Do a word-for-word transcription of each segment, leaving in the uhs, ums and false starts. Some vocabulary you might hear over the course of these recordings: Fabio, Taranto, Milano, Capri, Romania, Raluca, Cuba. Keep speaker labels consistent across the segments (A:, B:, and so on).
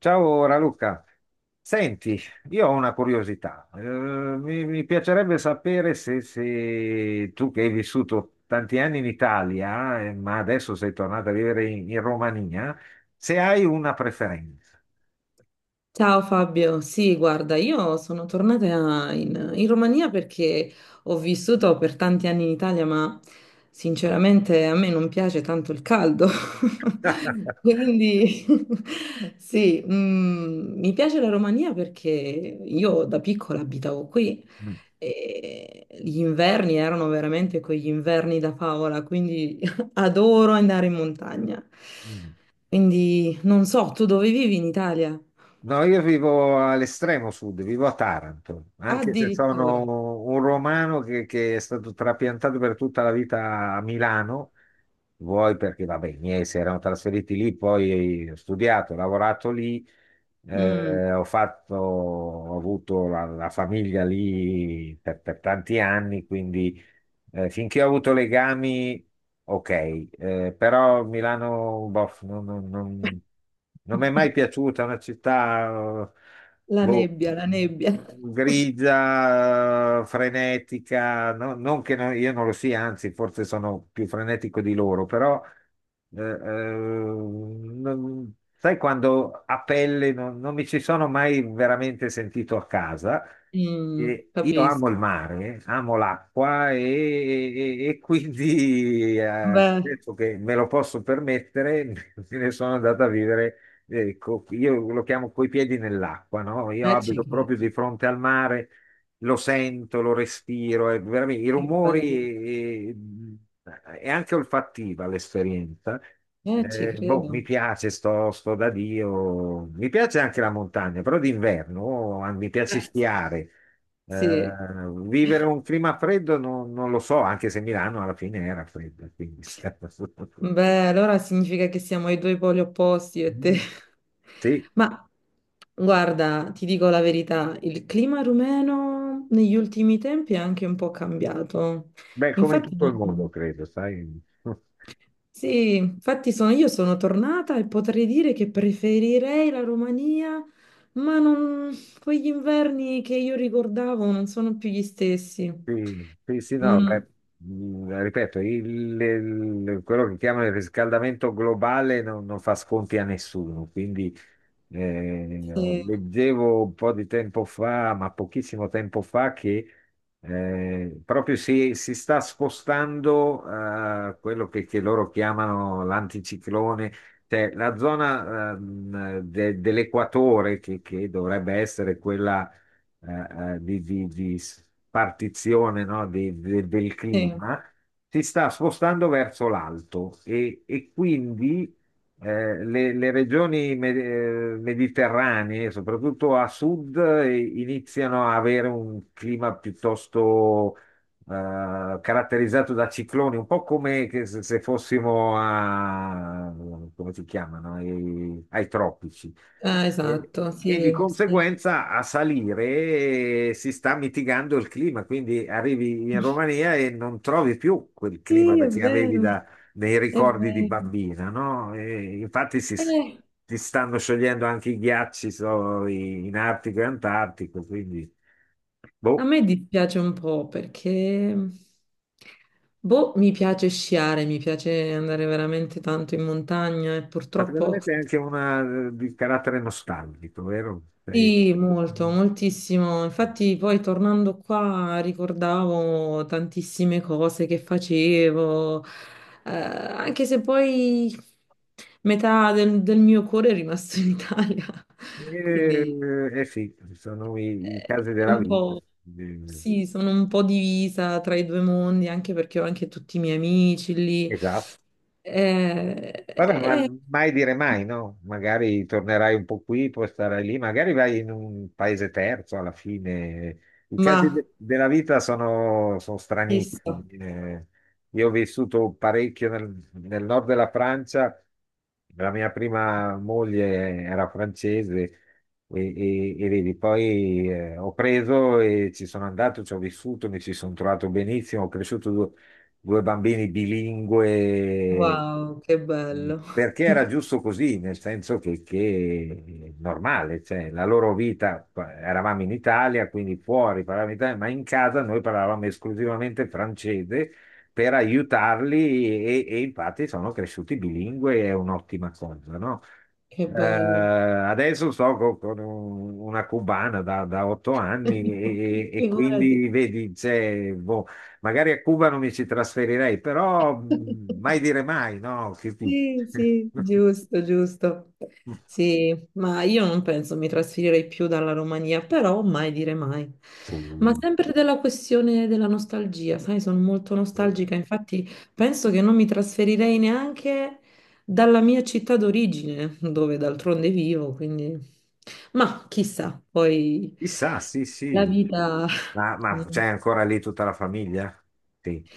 A: Ciao Raluca, senti, io ho una curiosità. Eh, mi, mi piacerebbe sapere se, se tu che hai vissuto tanti anni in Italia, eh, ma adesso sei tornato a vivere in, in Romania, se hai una preferenza.
B: Ciao Fabio, sì, guarda, io sono tornata in, in Romania perché ho vissuto per tanti anni in Italia, ma sinceramente a me non piace tanto il caldo. Quindi sì, mm, mi piace la Romania perché io da piccola abitavo qui
A: Mm.
B: e gli inverni erano veramente quegli inverni da favola, quindi adoro andare in montagna.
A: Mm.
B: Quindi non so, tu dove vivi in Italia?
A: No, io vivo all'estremo sud, vivo a Taranto, anche se sono
B: Addirittura.
A: un romano che, che è stato trapiantato per tutta la vita a Milano, vuoi perché, vabbè, i miei si erano trasferiti lì, poi ho studiato, ho lavorato lì,
B: Mm.
A: eh, ho fatto, ho avuto la, la famiglia lì per, per tanti anni, quindi eh, finché ho avuto legami, ok, eh, però Milano, boh, non, non- non- non mi è mai piaciuta. È una città, eh,
B: La
A: boh,
B: nebbia, la nebbia.
A: grigia, eh, frenetica, no- non che no- io non lo sia, anzi, forse sono più frenetico di loro, però, eh, eh, non- sai, quando a pelle non non mi ci sono mai veramente sentito a casa.
B: Mm,
A: E io amo il
B: capisco.
A: mare, amo l'acqua e, e- e quindi eh,
B: Beh,
A: adesso che me lo posso permettere, me ne sono andato a vivere, eh, co- io lo chiamo coi piedi nell'acqua, no? Io
B: eh, ci
A: abito proprio
B: credo.
A: di fronte al mare, lo sento, lo respiro, è veramente i
B: Che bello.
A: rumori e, e anche olfattiva l'esperienza.
B: Eh, ci
A: Eh, boh, mi
B: credo.
A: piace, sto, sto da Dio, mi piace anche la montagna, però d'inverno ah, mi piace
B: Eh,
A: sciare. Eh,
B: sì.
A: Vivere un clima freddo non, non lo so, anche se Milano alla fine era fredda, quindi...
B: Beh, allora significa che siamo ai due poli opposti, io e te.
A: Mm. Sì,
B: Ma guarda, ti dico la verità, il clima rumeno negli ultimi tempi è anche un po' cambiato.
A: beh, come in
B: Infatti,
A: tutto il mondo, credo, sai.
B: sì, infatti sono- io sono tornata e potrei dire che preferirei la Romania, ma non- quegli inverni che io ricordavo non sono più gli stessi.
A: Sì, sì, sì, no,
B: Mm,
A: beh, mh, ripeto, il- il- quello che chiamano il riscaldamento globale non, non fa sconti a nessuno, quindi eh,
B: sì,
A: leggevo un po' di tempo fa, ma pochissimo tempo fa, che eh, proprio si, si sta spostando a quello che, che loro chiamano l'anticiclone, cioè la zona ehm, de- dell'equatore che che dovrebbe essere quella eh, eh, di, di- di partizione, no, di- de- del
B: sì.
A: clima, si sta spostando verso l'alto e, e quindi eh, le, le regioni me- eh, mediterranee, soprattutto a sud, eh, iniziano a avere un clima piuttosto eh, caratterizzato da cicloni, un po' come che se, se fossimo a, come si chiamano, ai, ai tropici.
B: Ah,
A: E
B: esatto,
A: e di
B: sì, sì.
A: conseguenza a salire eh, si sta mitigando il clima, quindi arrivi in Romania e non trovi più quel clima
B: Sì,
A: da-
B: è
A: che avevi
B: vero,
A: da- nei
B: è
A: ricordi di
B: vero.
A: bambina, no? E infatti si, s-
B: Eh,
A: si stanno sciogliendo anche i ghiacci so, i- in Artico e Antartico, quindi
B: a
A: boh.
B: me dispiace un po' perché, boh, mi piace sciare, mi piace andare veramente tanto in montagna e
A: Ma secondo me
B: purtroppo...
A: sei anche una eh, di carattere nostalgico, vero? Sei...
B: Sì, molto, moltissimo. Infatti poi tornando qua ricordavo tantissime cose che facevo, eh, anche se poi metà del, del mio cuore è rimasto in Italia.
A: Eh,
B: Quindi
A: eh sì, sono i, i
B: eh,
A: casi
B: è
A: della
B: un
A: vita.
B: po', sì, sono un po' divisa tra i due mondi, anche perché ho anche tutti i miei amici lì.
A: Esatto.
B: Eh,
A: Vabbè, ma
B: eh,
A: mai dire mai, no? Magari tornerai un po' qui, poi starai lì, magari vai in un paese terzo alla fine. I
B: ma
A: casi de- della vita sono, sono
B: chissà,
A: stranissimi. Eh, io ho vissuto parecchio nel, nel nord della Francia, la mia prima moglie era francese e, e- e vedi, poi eh, ho preso e ci sono andato, ci ho vissuto, mi ci sono trovato benissimo, ho cresciuto due due bambini bilingue,
B: wow, che
A: mh,
B: bello,
A: perché era giusto così, nel senso che, che è normale, cioè la loro vita, eravamo in Italia, quindi fuori parlavamo italiano, ma in casa noi parlavamo esclusivamente francese per aiutarli e, e infatti sono cresciuti bilingue, è un'ottima cosa, no?
B: che
A: Eh,
B: bello.
A: adesso sto co- con, un- una cubana da, da otto anni e, e- e quindi
B: Figurati.
A: vedi, c'è, boh. Magari a Cuba non mi ci trasferirei, però mh, mai dire mai, no? Che ti-
B: Sì, sì, giusto, giusto. Sì, ma io non penso mi trasferirei più dalla Romania, però mai dire mai. Ma sempre della questione della nostalgia, sai, sono molto nostalgica, infatti penso che non mi trasferirei neanche dalla mia città d'origine, dove d'altronde vivo, quindi... Ma chissà, poi
A: Chissà, sì,
B: la
A: sì.
B: vita...
A: Ma, ma c'è ancora lì tutta la famiglia? Sì.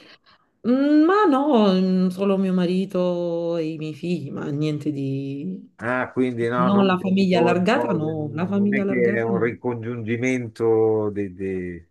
B: Mm, ma no, mm, solo mio marito e i miei figli, ma niente di...
A: Ah, quindi no,
B: Non
A: non
B: la famiglia
A: genitori,
B: allargata,
A: cose,
B: no, la
A: non non
B: famiglia
A: è che è
B: allargata
A: un
B: no.
A: ricongiungimento de- de-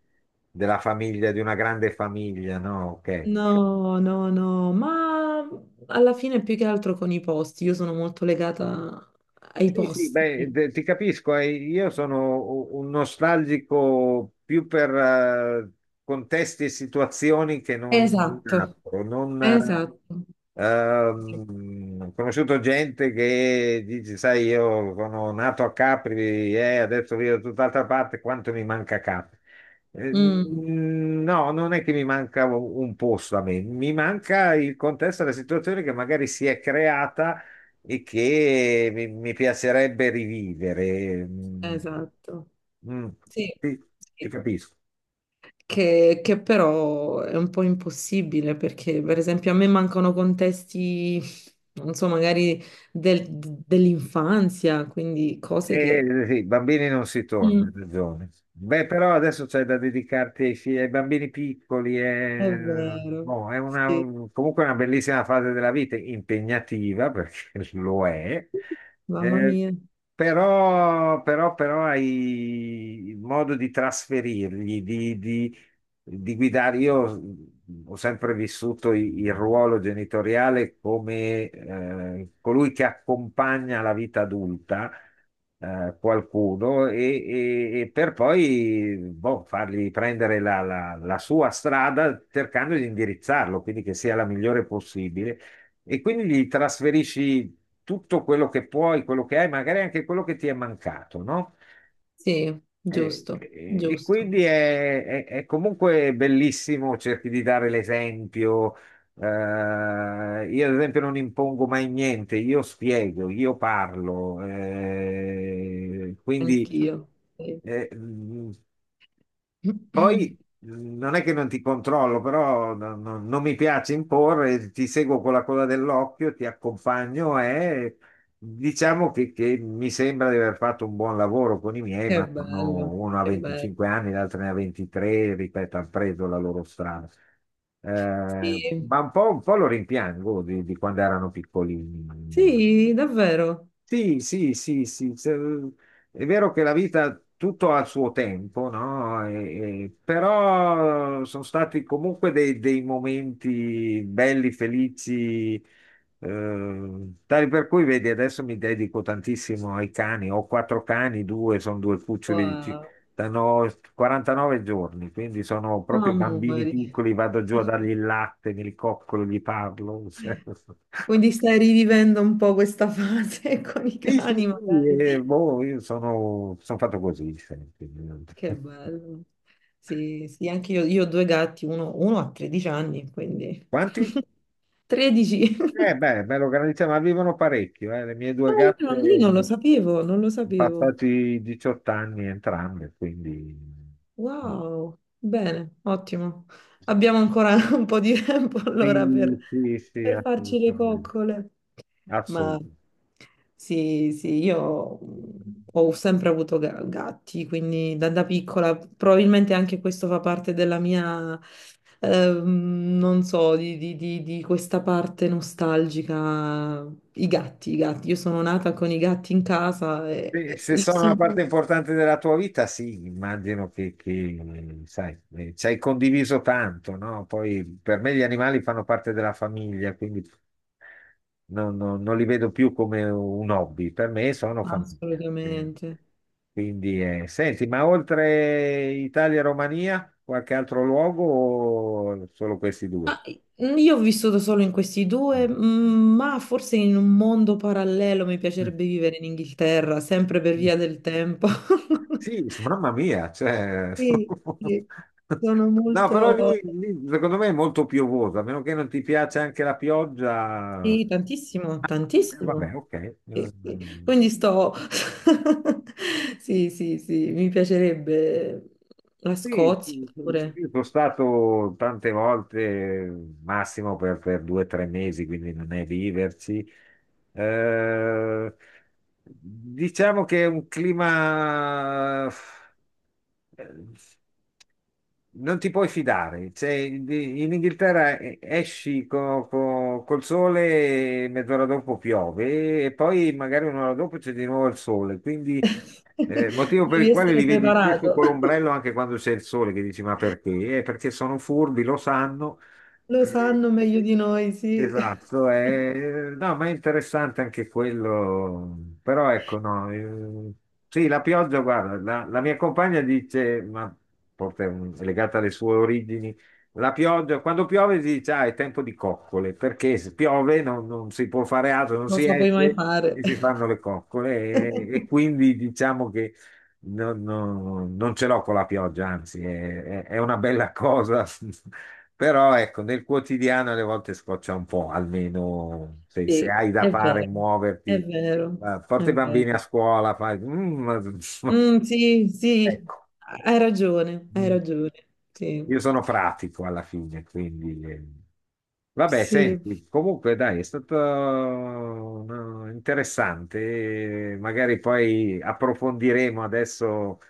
A: della famiglia, di una grande famiglia, no? Ok.
B: No, no, no, ma alla fine più che altro con i posti, io sono molto legata ai
A: Sì, sì,
B: posti.
A: beh, te- ti capisco, eh. Io sono u- un nostalgico più per eh, contesti e situazioni che non non
B: Esatto,
A: altro. Non, eh,
B: esatto.
A: ehm, ho conosciuto gente che dice, sai, io sono nato a Capri e adesso vivo da tutt'altra parte, quanto mi manca Capri? Eh,
B: Mm,
A: mm, No, non è che mi manca un un posto a me, mi manca il contesto della situazione che magari si è creata e che mi, mi piacerebbe rivivere. Mm.
B: esatto.
A: Mm.
B: Sì,
A: Sì, ti
B: sì,
A: capisco.
B: che, che però è un po' impossibile perché, per esempio, a me mancano contesti, non so, magari del- dell'infanzia, quindi cose
A: Eh,
B: che...
A: eh, sì, bambini non si torna, hai
B: Mm.
A: ragione. Beh, però adesso c'è da dedicarti ai, figli, ai bambini piccoli,
B: È
A: è,
B: vero,
A: boh, è una,
B: sì,
A: comunque una bellissima fase della vita, impegnativa perché lo è,
B: mamma
A: eh,
B: mia.
A: però, però, però hai modo di trasferirgli, di, di- di guidare. Io ho sempre vissuto i- il ruolo genitoriale come eh, colui che accompagna la vita adulta eh, qualcuno e, e- e per poi boh, fargli prendere la, la- la sua strada cercando di indirizzarlo, quindi che sia la migliore possibile. E quindi gli trasferisci tutto quello che puoi, quello che hai, magari anche quello che ti è mancato, no?
B: Sì,
A: E,
B: giusto,
A: e- e
B: giusto,
A: quindi è, è- è comunque bellissimo, cerchi di dare l'esempio. Eh, io, ad esempio, non impongo mai niente, io spiego, io parlo. Eh, quindi
B: anch'io. Sì.
A: eh, poi mh, non è che non ti controllo, però no- no- non mi piace imporre, ti seguo con la coda dell'occhio, ti accompagno e diciamo che, che mi sembra di aver fatto un buon lavoro con i miei,
B: Che
A: ma sono-
B: bello,
A: uno ha
B: che bello.
A: venticinque anni, l'altro ne ha ventitré, ripeto, hanno preso la loro strada. Eh,
B: Sì,
A: ma un po', un po' lo rimpiango di, di quando erano piccolini.
B: sì, davvero.
A: Sì, sì, sì, sì, se- è vero che la vita tutto ha il suo tempo, no? E- e- però sono stati comunque dei, dei momenti belli, felici, eh, tali per cui, vedi, adesso mi dedico tantissimo ai cani, ho quattro cani, due sono due cuccioli di ci-
B: Wow,
A: hanno quarantanove giorni, quindi sono proprio bambini
B: amori.
A: piccoli, vado giù a dargli il latte, mi ricoccolo, gli parlo.
B: Quindi stai rivivendo un po' questa fase con i
A: Sì, sì,
B: cani,
A: sì,
B: magari.
A: eh, boh, io sono, sono fatto così sempre.
B: Che bello. Sì, sì, anche io, io ho due gatti, uno, uno ha tredici anni, quindi
A: Quanti?
B: tredici.
A: Eh, beh, me lo garantisco, ma vivono parecchio, eh. Le mie
B: Ah,
A: due
B: io
A: gatte
B: non, io non lo sapevo, non lo
A: sono
B: sapevo.
A: passati i diciotto anni entrambe, quindi
B: Wow, bene, ottimo. Abbiamo ancora un po' di tempo allora per,
A: sì, sì, sì,
B: per farci le
A: assolutamente.
B: coccole. Ma
A: Assolutamente.
B: sì, sì, io mh, ho sempre avuto ga- gatti, quindi da, da piccola probabilmente anche questo fa parte della mia, ehm, non so, di, di- di- di questa parte nostalgica. I gatti, i gatti. Io sono nata con i gatti in casa e,
A: Se
B: e
A: se
B: li ho
A: sono una
B: sempre...
A: parte importante della tua vita, sì, immagino che, che, sai, eh, ci hai condiviso tanto, no? Poi per me gli animali fanno parte della famiglia, quindi non, non- non li vedo più come un hobby, per me sono famiglia. Eh,
B: Assolutamente.
A: Quindi, eh, senti, ma oltre Italia e Romania, qualche altro luogo o solo questi due?
B: Ah, io ho vissuto solo in questi due,
A: Mm.
B: mm, ma forse in un mondo parallelo mi
A: Mm.
B: piacerebbe vivere in Inghilterra, sempre per
A: Mm.
B: via del tempo.
A: Sì, mamma mia, cioè...
B: Sì, sì, sono
A: No, però
B: molto...
A: lì, lì, secondo me è molto piovoso, a meno che non ti piace anche la pioggia.
B: Sì, tantissimo,
A: Eh,
B: tantissimo.
A: Vabbè, ok.
B: Sì, sì.
A: Mm.
B: Quindi sto... Sì, sì, sì, mi piacerebbe la
A: Sì,
B: Scozia
A: sì, sì, sì,
B: pure.
A: sono stato tante volte, massimo per, per due o tre mesi, quindi non è viverci. Eh, diciamo che è un clima eh, non ti puoi fidare, cioè, in in Inghilterra eh, esci co- co- col sole e mezz'ora dopo piove e poi magari un'ora dopo c'è di nuovo il sole, quindi eh, motivo per
B: Devi
A: il quale li
B: essere
A: vedi spesso
B: preparato.
A: con l'ombrello anche quando c'è il sole, che dici ma perché? Eh, perché sono furbi, lo sanno,
B: Lo
A: eh.
B: sanno meglio di noi, sì.
A: Esatto, eh, no, ma è interessante anche quello, però ecco, no, eh, sì, la pioggia, guarda, la, la mia compagna dice, ma forse è un- è legata alle sue origini, la pioggia, quando piove si dice, ah, è tempo di coccole, perché se piove non, non si può fare altro, non si
B: Cosa puoi mai
A: esce
B: fare?
A: e si fanno le coccole e, e quindi diciamo che non, non- non ce l'ho con la pioggia, anzi, è, è- è una bella cosa. Però ecco, nel quotidiano alle volte scoccia un po', almeno se, se
B: Sì,
A: hai da
B: è
A: fare,
B: vero,
A: muoverti,
B: è vero,
A: eh,
B: è
A: porta i bambini
B: vero.
A: a scuola, fai... mm,
B: Mm, sì, sì,
A: ecco.
B: hai ragione, hai
A: Mm.
B: ragione. Sì,
A: Io sono pratico alla fine, quindi... eh. Vabbè,
B: sì.
A: senti, comunque dai, è stato no, interessante. Eh, magari poi approfondiremo adesso.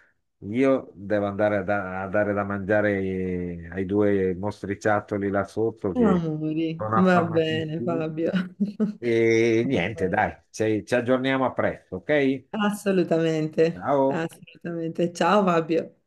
A: Io devo andare a, da- a dare da mangiare ai due mostriciattoli là sotto che
B: Amori,
A: sono
B: va bene,
A: affamatissimi.
B: Fabio.
A: E
B: Va
A: niente,
B: bene.
A: dai, ci ci aggiorniamo a presto, ok?
B: Assolutamente,
A: Ciao.
B: assolutamente. Ciao, Fabio.